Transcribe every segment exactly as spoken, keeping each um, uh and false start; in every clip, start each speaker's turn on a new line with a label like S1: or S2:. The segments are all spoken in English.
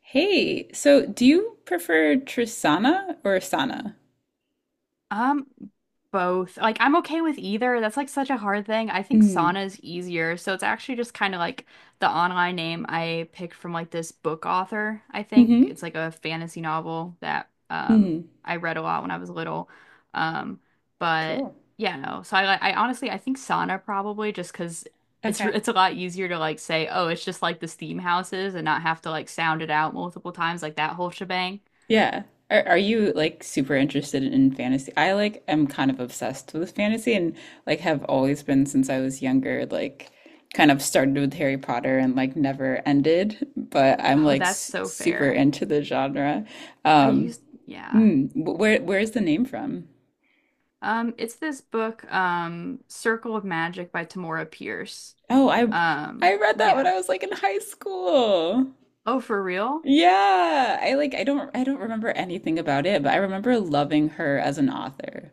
S1: Hey, so do you prefer Trisana or Asana?
S2: Um, Both. Like, I'm okay with either. That's like such a hard thing. I think
S1: Mm.
S2: sauna is easier. So it's actually just kind of like the online name I picked from like this book author, I think. It's
S1: Mm-hmm.
S2: like a fantasy novel that um
S1: Mm-hmm.
S2: I read a lot when I was little. Um, but
S1: Cool.
S2: yeah, no. So I like I honestly I think sauna probably just 'cause it's
S1: Okay.
S2: it's a lot easier to like say, "Oh, it's just like the steam houses," and not have to like sound it out multiple times like that whole shebang.
S1: Yeah. Are are you like super interested in fantasy? I like am kind of obsessed with fantasy and like have always been since I was younger, like kind of started with Harry Potter and like never ended, but I'm
S2: Oh,
S1: like
S2: that's
S1: s
S2: so
S1: super
S2: fair.
S1: into the genre.
S2: I
S1: Um,
S2: used, yeah.
S1: mm, wh- where where's the name from?
S2: Um, it's this book, um, Circle of Magic by Tamora Pierce.
S1: Oh, I
S2: Um,
S1: I read that when
S2: yeah.
S1: I was like in high school.
S2: Oh, for real?
S1: Yeah, I like I don't I don't remember anything about it, but I remember loving her as an author.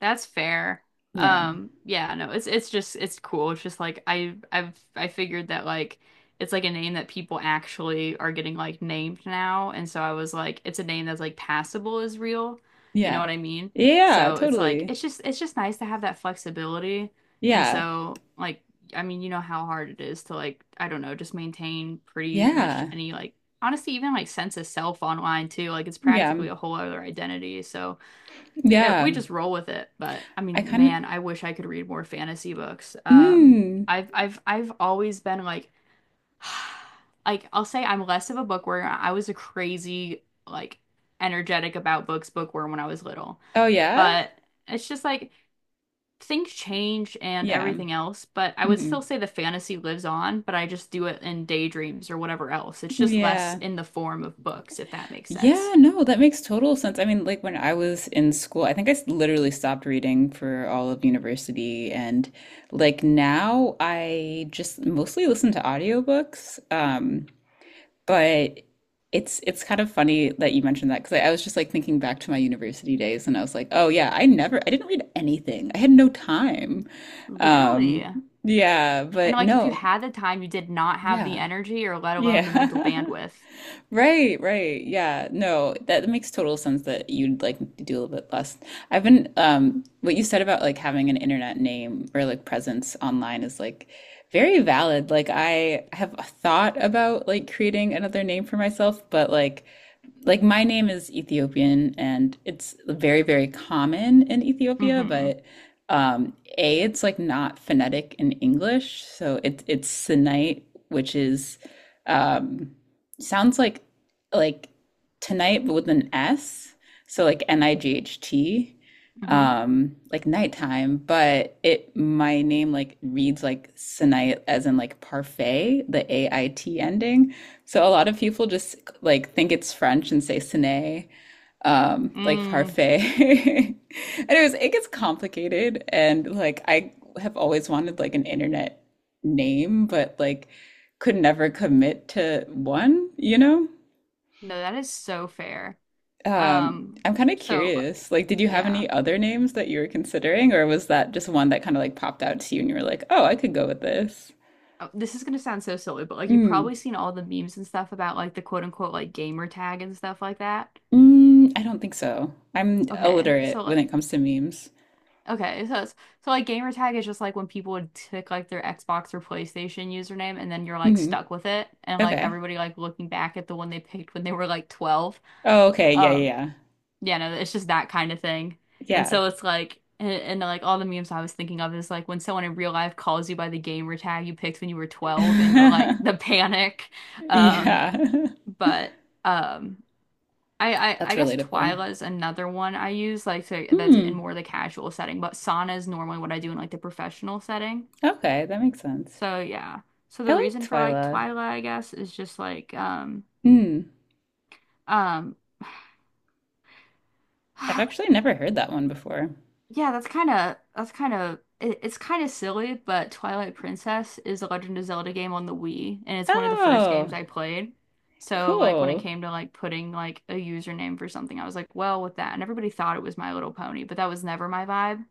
S2: That's fair.
S1: Yeah.
S2: Um, yeah, no, it's it's just it's cool. It's just like I I've I figured that like it's like a name that people actually are getting like named now, and so I was like, it's a name that's like passable, is real. You know
S1: Yeah.
S2: what I mean?
S1: Yeah,
S2: So it's like
S1: totally.
S2: it's just it's just nice to have that flexibility. And
S1: Yeah.
S2: so like I mean, you know how hard it is to, like, I don't know, just maintain pretty much
S1: Yeah.
S2: any like honestly even like sense of self online too. Like it's
S1: Yeah.
S2: practically a whole other identity. So yeah,
S1: Yeah.
S2: we just roll with it. But I
S1: I
S2: mean,
S1: kind of
S2: man, I wish I could read more fantasy books. Um,
S1: mm.
S2: I've I've I've always been like, like I'll say I'm less of a bookworm. I was a crazy like energetic about books bookworm when I was little.
S1: Oh yeah?
S2: But it's just like things change and
S1: Yeah.
S2: everything else. But I would
S1: Mm.
S2: still say the fantasy lives on. But I just do it in daydreams or whatever else. It's just less
S1: Yeah.
S2: in the form of books, if that makes
S1: Yeah,
S2: sense.
S1: no, that makes total sense. I mean, like when I was in school, I think I s- literally stopped reading for all of university and like now I just mostly listen to audiobooks. Um But it's it's kind of funny that you mentioned that because I, I was just like thinking back to my university days and I was like, oh yeah, I never I didn't read anything. I had no time.
S2: Literally.
S1: Um, yeah,
S2: And
S1: but
S2: like if you
S1: no,
S2: had the time, you did not have the
S1: yeah.
S2: energy or let alone the mental
S1: Yeah.
S2: bandwidth.
S1: Right, right. Yeah. No, that makes total sense that you'd like do a little bit less. I've been um what you said about like having an internet name or like presence online is like very valid. Like I have thought about like creating another name for myself, but like like my name is Ethiopian and it's very, very common in Ethiopia,
S2: Mm-hmm.
S1: but um, A, it's like not phonetic in English. So it, it's Sinite, which is um, sounds like like tonight, but with an S. So like N I G H T,
S2: Mm-hmm.
S1: um, like nighttime, but it my name like reads like Sinite as in like parfait, the A I T ending. So a lot of people just like think it's French and say ciné, um, like
S2: Mm.
S1: parfait. Anyways, it gets complicated and like I have always wanted like an internet name, but like could never commit to one, you know?
S2: No, that is so fair.
S1: Um,
S2: Um,
S1: I'm kind of
S2: so
S1: curious. Like, did you have
S2: yeah.
S1: any other names that you were considering, or was that just one that kind of like popped out to you and you were like, oh, I could go with this?
S2: Oh, this is gonna sound so silly, but like you've
S1: Mm.
S2: probably seen all the memes and stuff about like the quote unquote like gamer tag and stuff like that.
S1: Mm, I don't think so. I'm
S2: Okay. So
S1: illiterate when
S2: like
S1: it comes to memes.
S2: okay, so it's, so like gamer tag is just like when people would tick like their Xbox or PlayStation username, and then you're like
S1: Mhm.
S2: stuck with it and like
S1: Okay.
S2: everybody like looking back at the one they picked when they were like twelve.
S1: Oh, okay. Yeah,
S2: Um,
S1: yeah,
S2: Yeah, no, it's just that kind of thing. And
S1: yeah.
S2: so it's like, and, and like all the memes I was thinking of is like when someone in real life calls you by the gamer tag you picked when you were twelve and you're like
S1: Yeah.
S2: the panic. Um,
S1: Yeah.
S2: but um, I, I,
S1: That's
S2: I guess
S1: relatable.
S2: Twyla is another one I use like to, that's in
S1: Hmm.
S2: more of the casual setting, but Sana is normally what I do in like the professional setting.
S1: Okay, that makes sense.
S2: So yeah. So
S1: I
S2: the
S1: like
S2: reason for like
S1: Twyla.
S2: Twyla, I guess, is just like um
S1: Hmm.
S2: um
S1: I've actually never heard that one before.
S2: yeah, that's kind of that's kind of it, it's kind of silly, but Twilight Princess is a Legend of Zelda game on the Wii, and it's one of the first games
S1: Oh,
S2: I played. So like when it
S1: cool.
S2: came to like putting like a username for something, I was like, well, with that, and everybody thought it was My Little Pony, but that was never my vibe,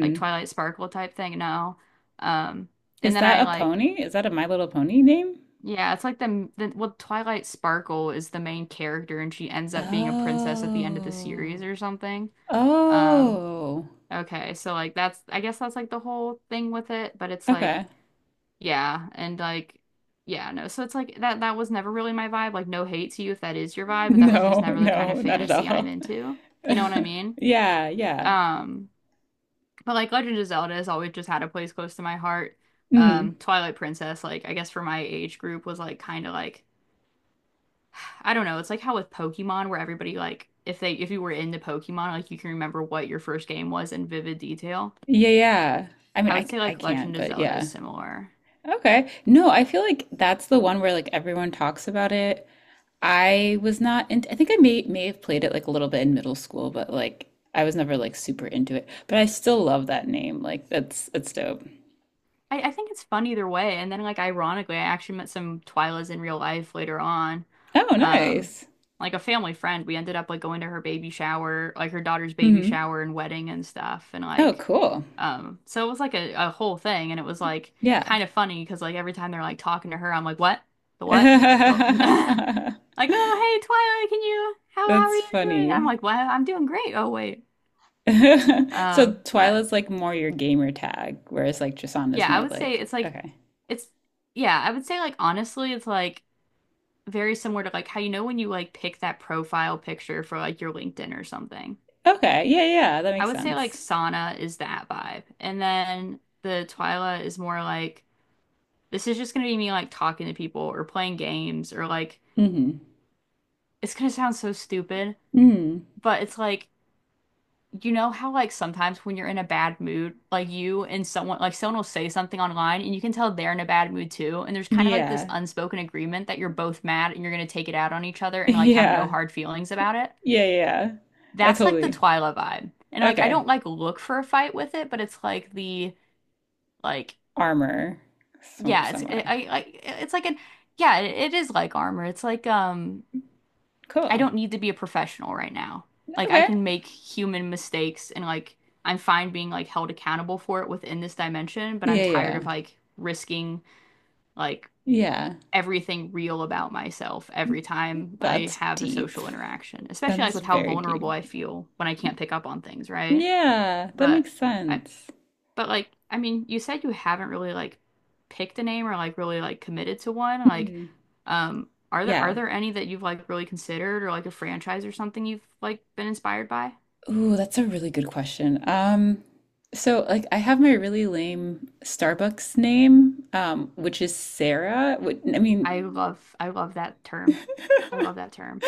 S2: like Twilight Sparkle type thing. No, um, and
S1: Is
S2: then
S1: that
S2: I
S1: a
S2: like
S1: pony? Is that a My Little Pony name?
S2: yeah, it's like the, the well Twilight Sparkle is the main character, and she ends up being a princess at the end of the series
S1: Oh.
S2: or something. Um,
S1: Oh.
S2: Okay, so like that's I guess that's like the whole thing with it, but it's like
S1: Okay.
S2: yeah, and like yeah, no. So it's like that that was never really my vibe. Like, no hate to you if that is your vibe, but that was just
S1: No,
S2: never the kind of
S1: no, not at
S2: fantasy I'm
S1: all.
S2: into. You know what I mean?
S1: Yeah, yeah.
S2: Um, but like Legend of Zelda has always just had a place close to my heart.
S1: Hmm.
S2: Um, Twilight Princess, like I guess for my age group was like kind of like I don't know, it's like how with Pokemon where everybody like if they if you were into Pokemon, like you can remember what your first game was in vivid detail.
S1: Yeah, yeah. I mean,
S2: I would
S1: I
S2: say
S1: I
S2: like
S1: can't,
S2: Legend of
S1: but
S2: Zelda is
S1: yeah.
S2: similar.
S1: Okay. No, I feel like that's the one where like everyone talks about it. I was not into, I think I may may have played it like a little bit in middle school, but like I was never like super into it. But I still love that name. Like that's that's dope.
S2: I, I think it's fun either way. And then like ironically, I actually met some Twilas in real life later on.
S1: Oh,
S2: Um,
S1: nice.
S2: like a family friend. We ended up like going to her baby shower, like her daughter's baby
S1: Hmm.
S2: shower and wedding and stuff. And
S1: Oh,
S2: like
S1: cool.
S2: um so it was like a, a whole thing and it was like
S1: Yeah.
S2: kind of funny because like every time they're like talking to her, I'm like, "What? The what? The" like, "Oh hey Twilight, can you how how are
S1: That's
S2: you doing?" I'm
S1: funny.
S2: like, "Well, I'm doing great. Oh wait."
S1: So
S2: Um, but
S1: Twyla's like more your gamer tag, whereas like Jasana's
S2: yeah, I
S1: more
S2: would say
S1: like
S2: it's like
S1: okay.
S2: it's yeah, I would say like honestly it's like very similar to like how you know when you like pick that profile picture for like your LinkedIn or something.
S1: Okay. Yeah, yeah, that
S2: I
S1: makes
S2: would say like
S1: sense.
S2: sauna is that vibe. And then the Twyla is more like this is just gonna be me like talking to people or playing games or like
S1: Mm-hmm.
S2: it's gonna sound so stupid,
S1: Mm.
S2: but it's like you know how like sometimes when you're in a bad mood, like you and someone like someone will say something online and you can tell they're in a bad mood too, and there's kind of like this
S1: Yeah.
S2: unspoken agreement that you're both mad and you're gonna take it out on each other and like have no
S1: Yeah.
S2: hard feelings about it.
S1: Yeah, yeah. I
S2: That's like the
S1: totally.
S2: Twyla vibe. And like I
S1: Okay.
S2: don't like look for a fight with it, but it's like the like
S1: Armor. Some,
S2: yeah, it's
S1: somewhat.
S2: I I it's like an yeah, it, it is like armor. It's like um I
S1: Cool.
S2: don't need to be a professional right now. Like I
S1: Okay.
S2: can make human mistakes and like I'm fine being like held accountable for it within this dimension, but I'm
S1: Yeah,
S2: tired of
S1: yeah.
S2: like risking like
S1: Yeah.
S2: everything real about myself every time I
S1: That's
S2: have a
S1: deep.
S2: social interaction, especially like
S1: That's
S2: with how
S1: very deep.
S2: vulnerable I feel when I can't pick up on things, right?
S1: Yeah, that
S2: But
S1: makes
S2: I,
S1: sense.
S2: but like, I mean, you said you haven't really like picked a name or like really like committed to one. Like,
S1: Mhm.
S2: um, are there are
S1: Yeah.
S2: there any that you've like really considered or like a franchise or something you've like been inspired by?
S1: Ooh, that's a really good question. Um, so like I have my really lame Starbucks name, um, which is Sarah. Wh- I
S2: I
S1: mean,
S2: love I love that term. I love that term.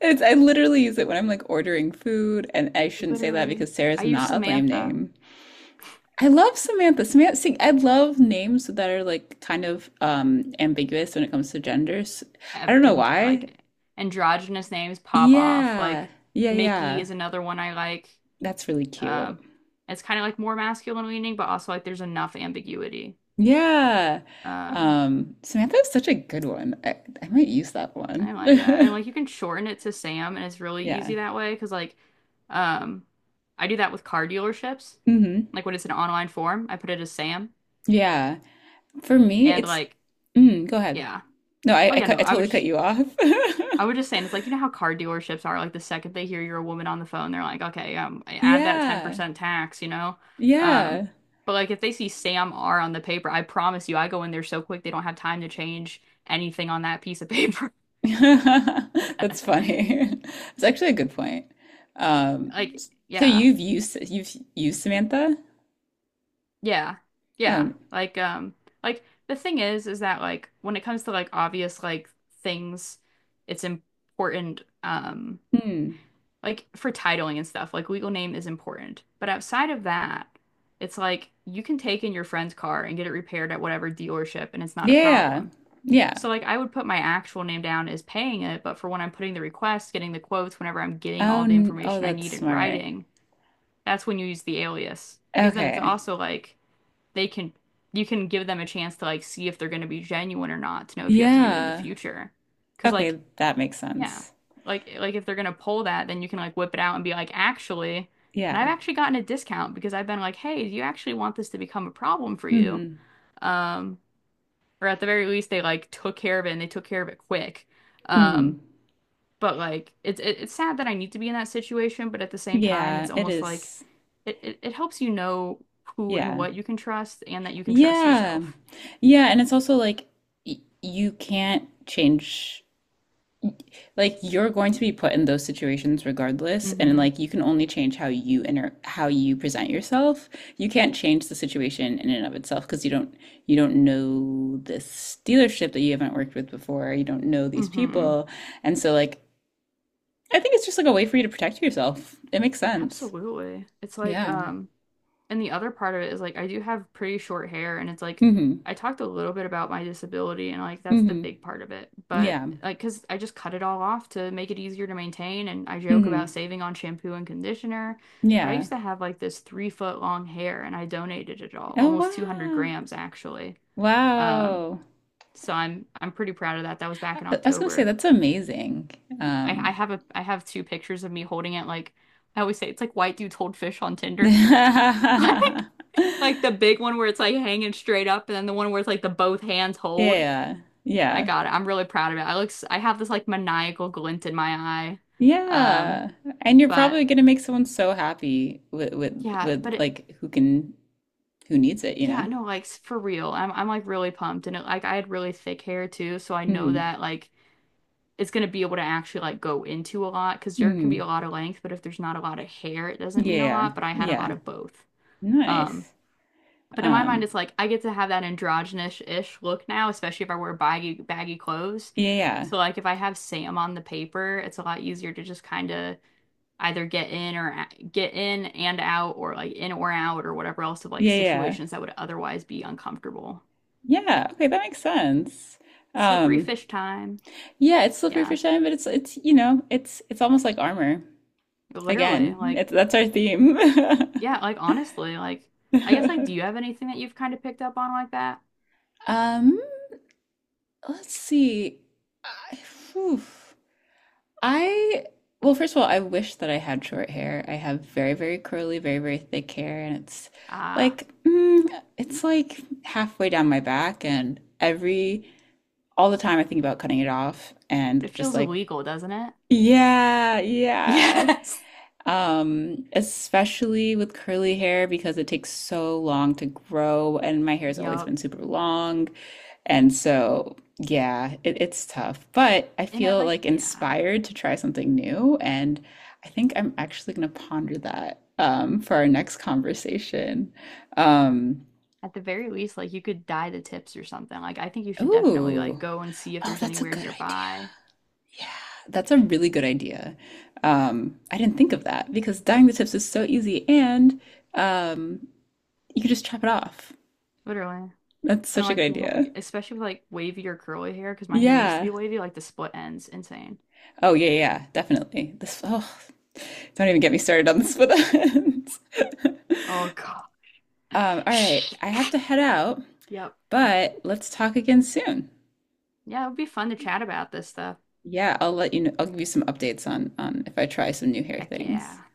S1: it's I literally use it when I'm like ordering food, and I shouldn't say that
S2: Literally.
S1: because
S2: I
S1: Sarah's
S2: use
S1: not a lame
S2: Samantha
S1: name. I love Samantha. Samantha, see, I love names that are like kind of um ambiguous when it comes to genders. I
S2: and
S1: don't know
S2: and,
S1: why.
S2: like androgynous names pop off.
S1: Yeah.
S2: Like
S1: Yeah,
S2: Mickey
S1: yeah.
S2: is another one I like.
S1: That's really cute.
S2: Um, it's kind of like more masculine leaning, but also like there's enough ambiguity.
S1: Yeah.
S2: Um,
S1: Um, Samantha is such a good one. I, I might use that one.
S2: I like that. And like you can shorten it to Sam and it's really
S1: Yeah.
S2: easy that way because like um I do that with car dealerships.
S1: Hmm.
S2: Like when it's an online form, I put it as Sam
S1: Yeah. For me,
S2: and
S1: it's
S2: like
S1: mm, go ahead.
S2: yeah.
S1: No, I,
S2: Oh
S1: I
S2: yeah, no,
S1: cut, I
S2: I would
S1: totally cut
S2: just
S1: you off.
S2: I would just say and it's like you know how car dealerships are like the second they hear you're a woman on the phone, they're like, "Okay, um add that
S1: Yeah.
S2: ten percent tax, you know?" Um
S1: Yeah.
S2: but like if they see Sam R on the paper, I promise you I go in there so quick they don't have time to change anything on that piece of paper.
S1: That's funny. It's actually a good point. Um,
S2: Like
S1: so
S2: yeah.
S1: you've used you've used Samantha?
S2: Yeah. Yeah.
S1: Oh,
S2: Like um like the thing is is that like when it comes to like obvious like things it's important um
S1: hmm.
S2: like for titling and stuff like legal name is important. But outside of that it's like you can take in your friend's car and get it repaired at whatever dealership and it's not
S1: Yeah.
S2: a
S1: Yeah. Yeah.
S2: problem.
S1: Yeah.
S2: So like I would put my actual name down as paying it, but for when I'm putting the request, getting the quotes, whenever I'm getting
S1: Oh,
S2: all the
S1: n- oh,
S2: information I
S1: that's
S2: need in
S1: smart.
S2: writing, that's when you use the alias because then it's
S1: Okay.
S2: also like they can you can give them a chance to like see if they're going to be genuine or not to know if you have to do it in the
S1: Yeah.
S2: future, cause like
S1: Okay, that makes
S2: yeah,
S1: sense.
S2: like like if they're going to pull that, then you can like whip it out and be like actually, and I've
S1: Yeah.
S2: actually gotten a discount because I've been like, "Hey, do you actually want this to become a problem for you?"
S1: Hmm.
S2: Um or at the very least they like took care of it and they took care of it quick.
S1: Hmm.
S2: Um but like it's it, it's sad that I need to be in that situation, but at the same time
S1: Yeah,
S2: it's
S1: it
S2: almost like
S1: is.
S2: it, it, it helps you know who and
S1: Yeah.
S2: what you can trust and that you can trust
S1: Yeah.
S2: yourself.
S1: Yeah, and it's also like y you can't change like you're going to be put in those situations regardless and
S2: Hmm.
S1: like you can only change how you enter how you present yourself. You can't change the situation in and of itself because you don't you don't know this dealership that you haven't worked with before. You don't know these
S2: Hmm.
S1: people. And so like I think it's just like a way for you to protect yourself. It makes sense.
S2: Absolutely. It's like,
S1: Yeah.
S2: um, and the other part of it is like I do have pretty short hair and it's like
S1: Mm-hmm.
S2: I talked a little bit about my disability and like that's the
S1: Mm-hmm.
S2: big part of it. But
S1: Yeah.
S2: like, 'cause I just cut it all off to make it easier to maintain and I joke about
S1: Mm-hmm.
S2: saving on shampoo and conditioner. But I
S1: Yeah.
S2: used to have like this three foot long hair and I donated it all,
S1: Oh
S2: almost two hundred
S1: wow.
S2: grams actually. Um,
S1: Wow.
S2: so I'm I'm pretty proud of that. That was
S1: I
S2: back in
S1: I was gonna say
S2: October.
S1: that's amazing.
S2: I, I
S1: Um,
S2: have a I have two pictures of me holding it like I always say it's like white dudes hold fish on Tinder.
S1: yeah,
S2: Like like the big one where it's like hanging straight up and then the one where it's like the both hands hold. I
S1: yeah,
S2: got it. I'm really proud of it. I look s- I have this like maniacal glint in my eye. Um
S1: yeah. And you're
S2: but
S1: probably gonna make someone so happy with with
S2: yeah,
S1: with
S2: but it
S1: like who can who needs it, you
S2: yeah,
S1: know?
S2: no, like s- for real. I'm I'm like really pumped and it, like I had really thick hair too, so I know
S1: Mm-hmm.
S2: that like it's gonna be able to actually like go into a lot because there can be
S1: Mm-hmm.
S2: a lot of length, but if there's not a lot of hair, it doesn't mean a
S1: Yeah,
S2: lot, but I had a
S1: yeah.
S2: lot of both. Um,
S1: Nice.
S2: but in my mind,
S1: Um,
S2: it's like I get to have that androgynous-ish look now, especially if I wear baggy baggy clothes.
S1: yeah, yeah,
S2: So like if I have Sam on the paper, it's a lot easier to just kind of either get in or get in and out or like in or out or whatever else of like
S1: yeah, yeah.
S2: situations that would otherwise be uncomfortable.
S1: Yeah, okay, that makes sense.
S2: Slippery
S1: Um,
S2: fish time.
S1: yeah, it's slippery for
S2: Yeah.
S1: shine, but it's it's you know, it's it's almost like armor.
S2: Literally,
S1: Again,
S2: like
S1: it's, that's our theme.
S2: yeah, like honestly, like I guess like do you have anything that you've kind of picked up on like that?
S1: um, let's see. I, whew. I, well, first of all, I wish that I had short hair. I have very, very curly, very, very thick hair, and it's
S2: Ah,
S1: like, mm, it's like halfway down my back, and every, all the time I think about cutting it off
S2: it
S1: and just
S2: feels
S1: like,
S2: illegal, doesn't it?
S1: yeah, yeah.
S2: Yes.
S1: Um, especially with curly hair because it takes so long to grow, and my hair's always
S2: Yup.
S1: been super long. And so, yeah, it, it's tough, but I
S2: And I
S1: feel
S2: like,
S1: like
S2: yeah.
S1: inspired to try something new, and I think I'm actually gonna ponder that um for our next conversation. Um,
S2: At the very least, like you could dye the tips or something. Like I think you should definitely
S1: ooh,
S2: like go and see if
S1: oh,
S2: there's
S1: that's a
S2: anywhere
S1: good idea.
S2: nearby.
S1: Yeah, that's a really good idea. Um, I didn't think of that because dyeing the tips is so easy and um. You could just chop it off.
S2: Literally.
S1: That's
S2: And
S1: such a good
S2: like you,
S1: idea.
S2: especially with like wavy or curly hair, because my hair used to
S1: Yeah.
S2: be wavy, like the split ends, insane.
S1: Oh yeah, yeah, definitely. This oh, don't even get me started on the split ends.
S2: Oh God.
S1: Um, all right, I have to head out,
S2: Yep.
S1: but let's talk again soon.
S2: Yeah, it would be fun to chat about this stuff.
S1: Yeah, I'll let you know. I'll give you some updates on on if I try some new hair
S2: Heck
S1: things.
S2: yeah.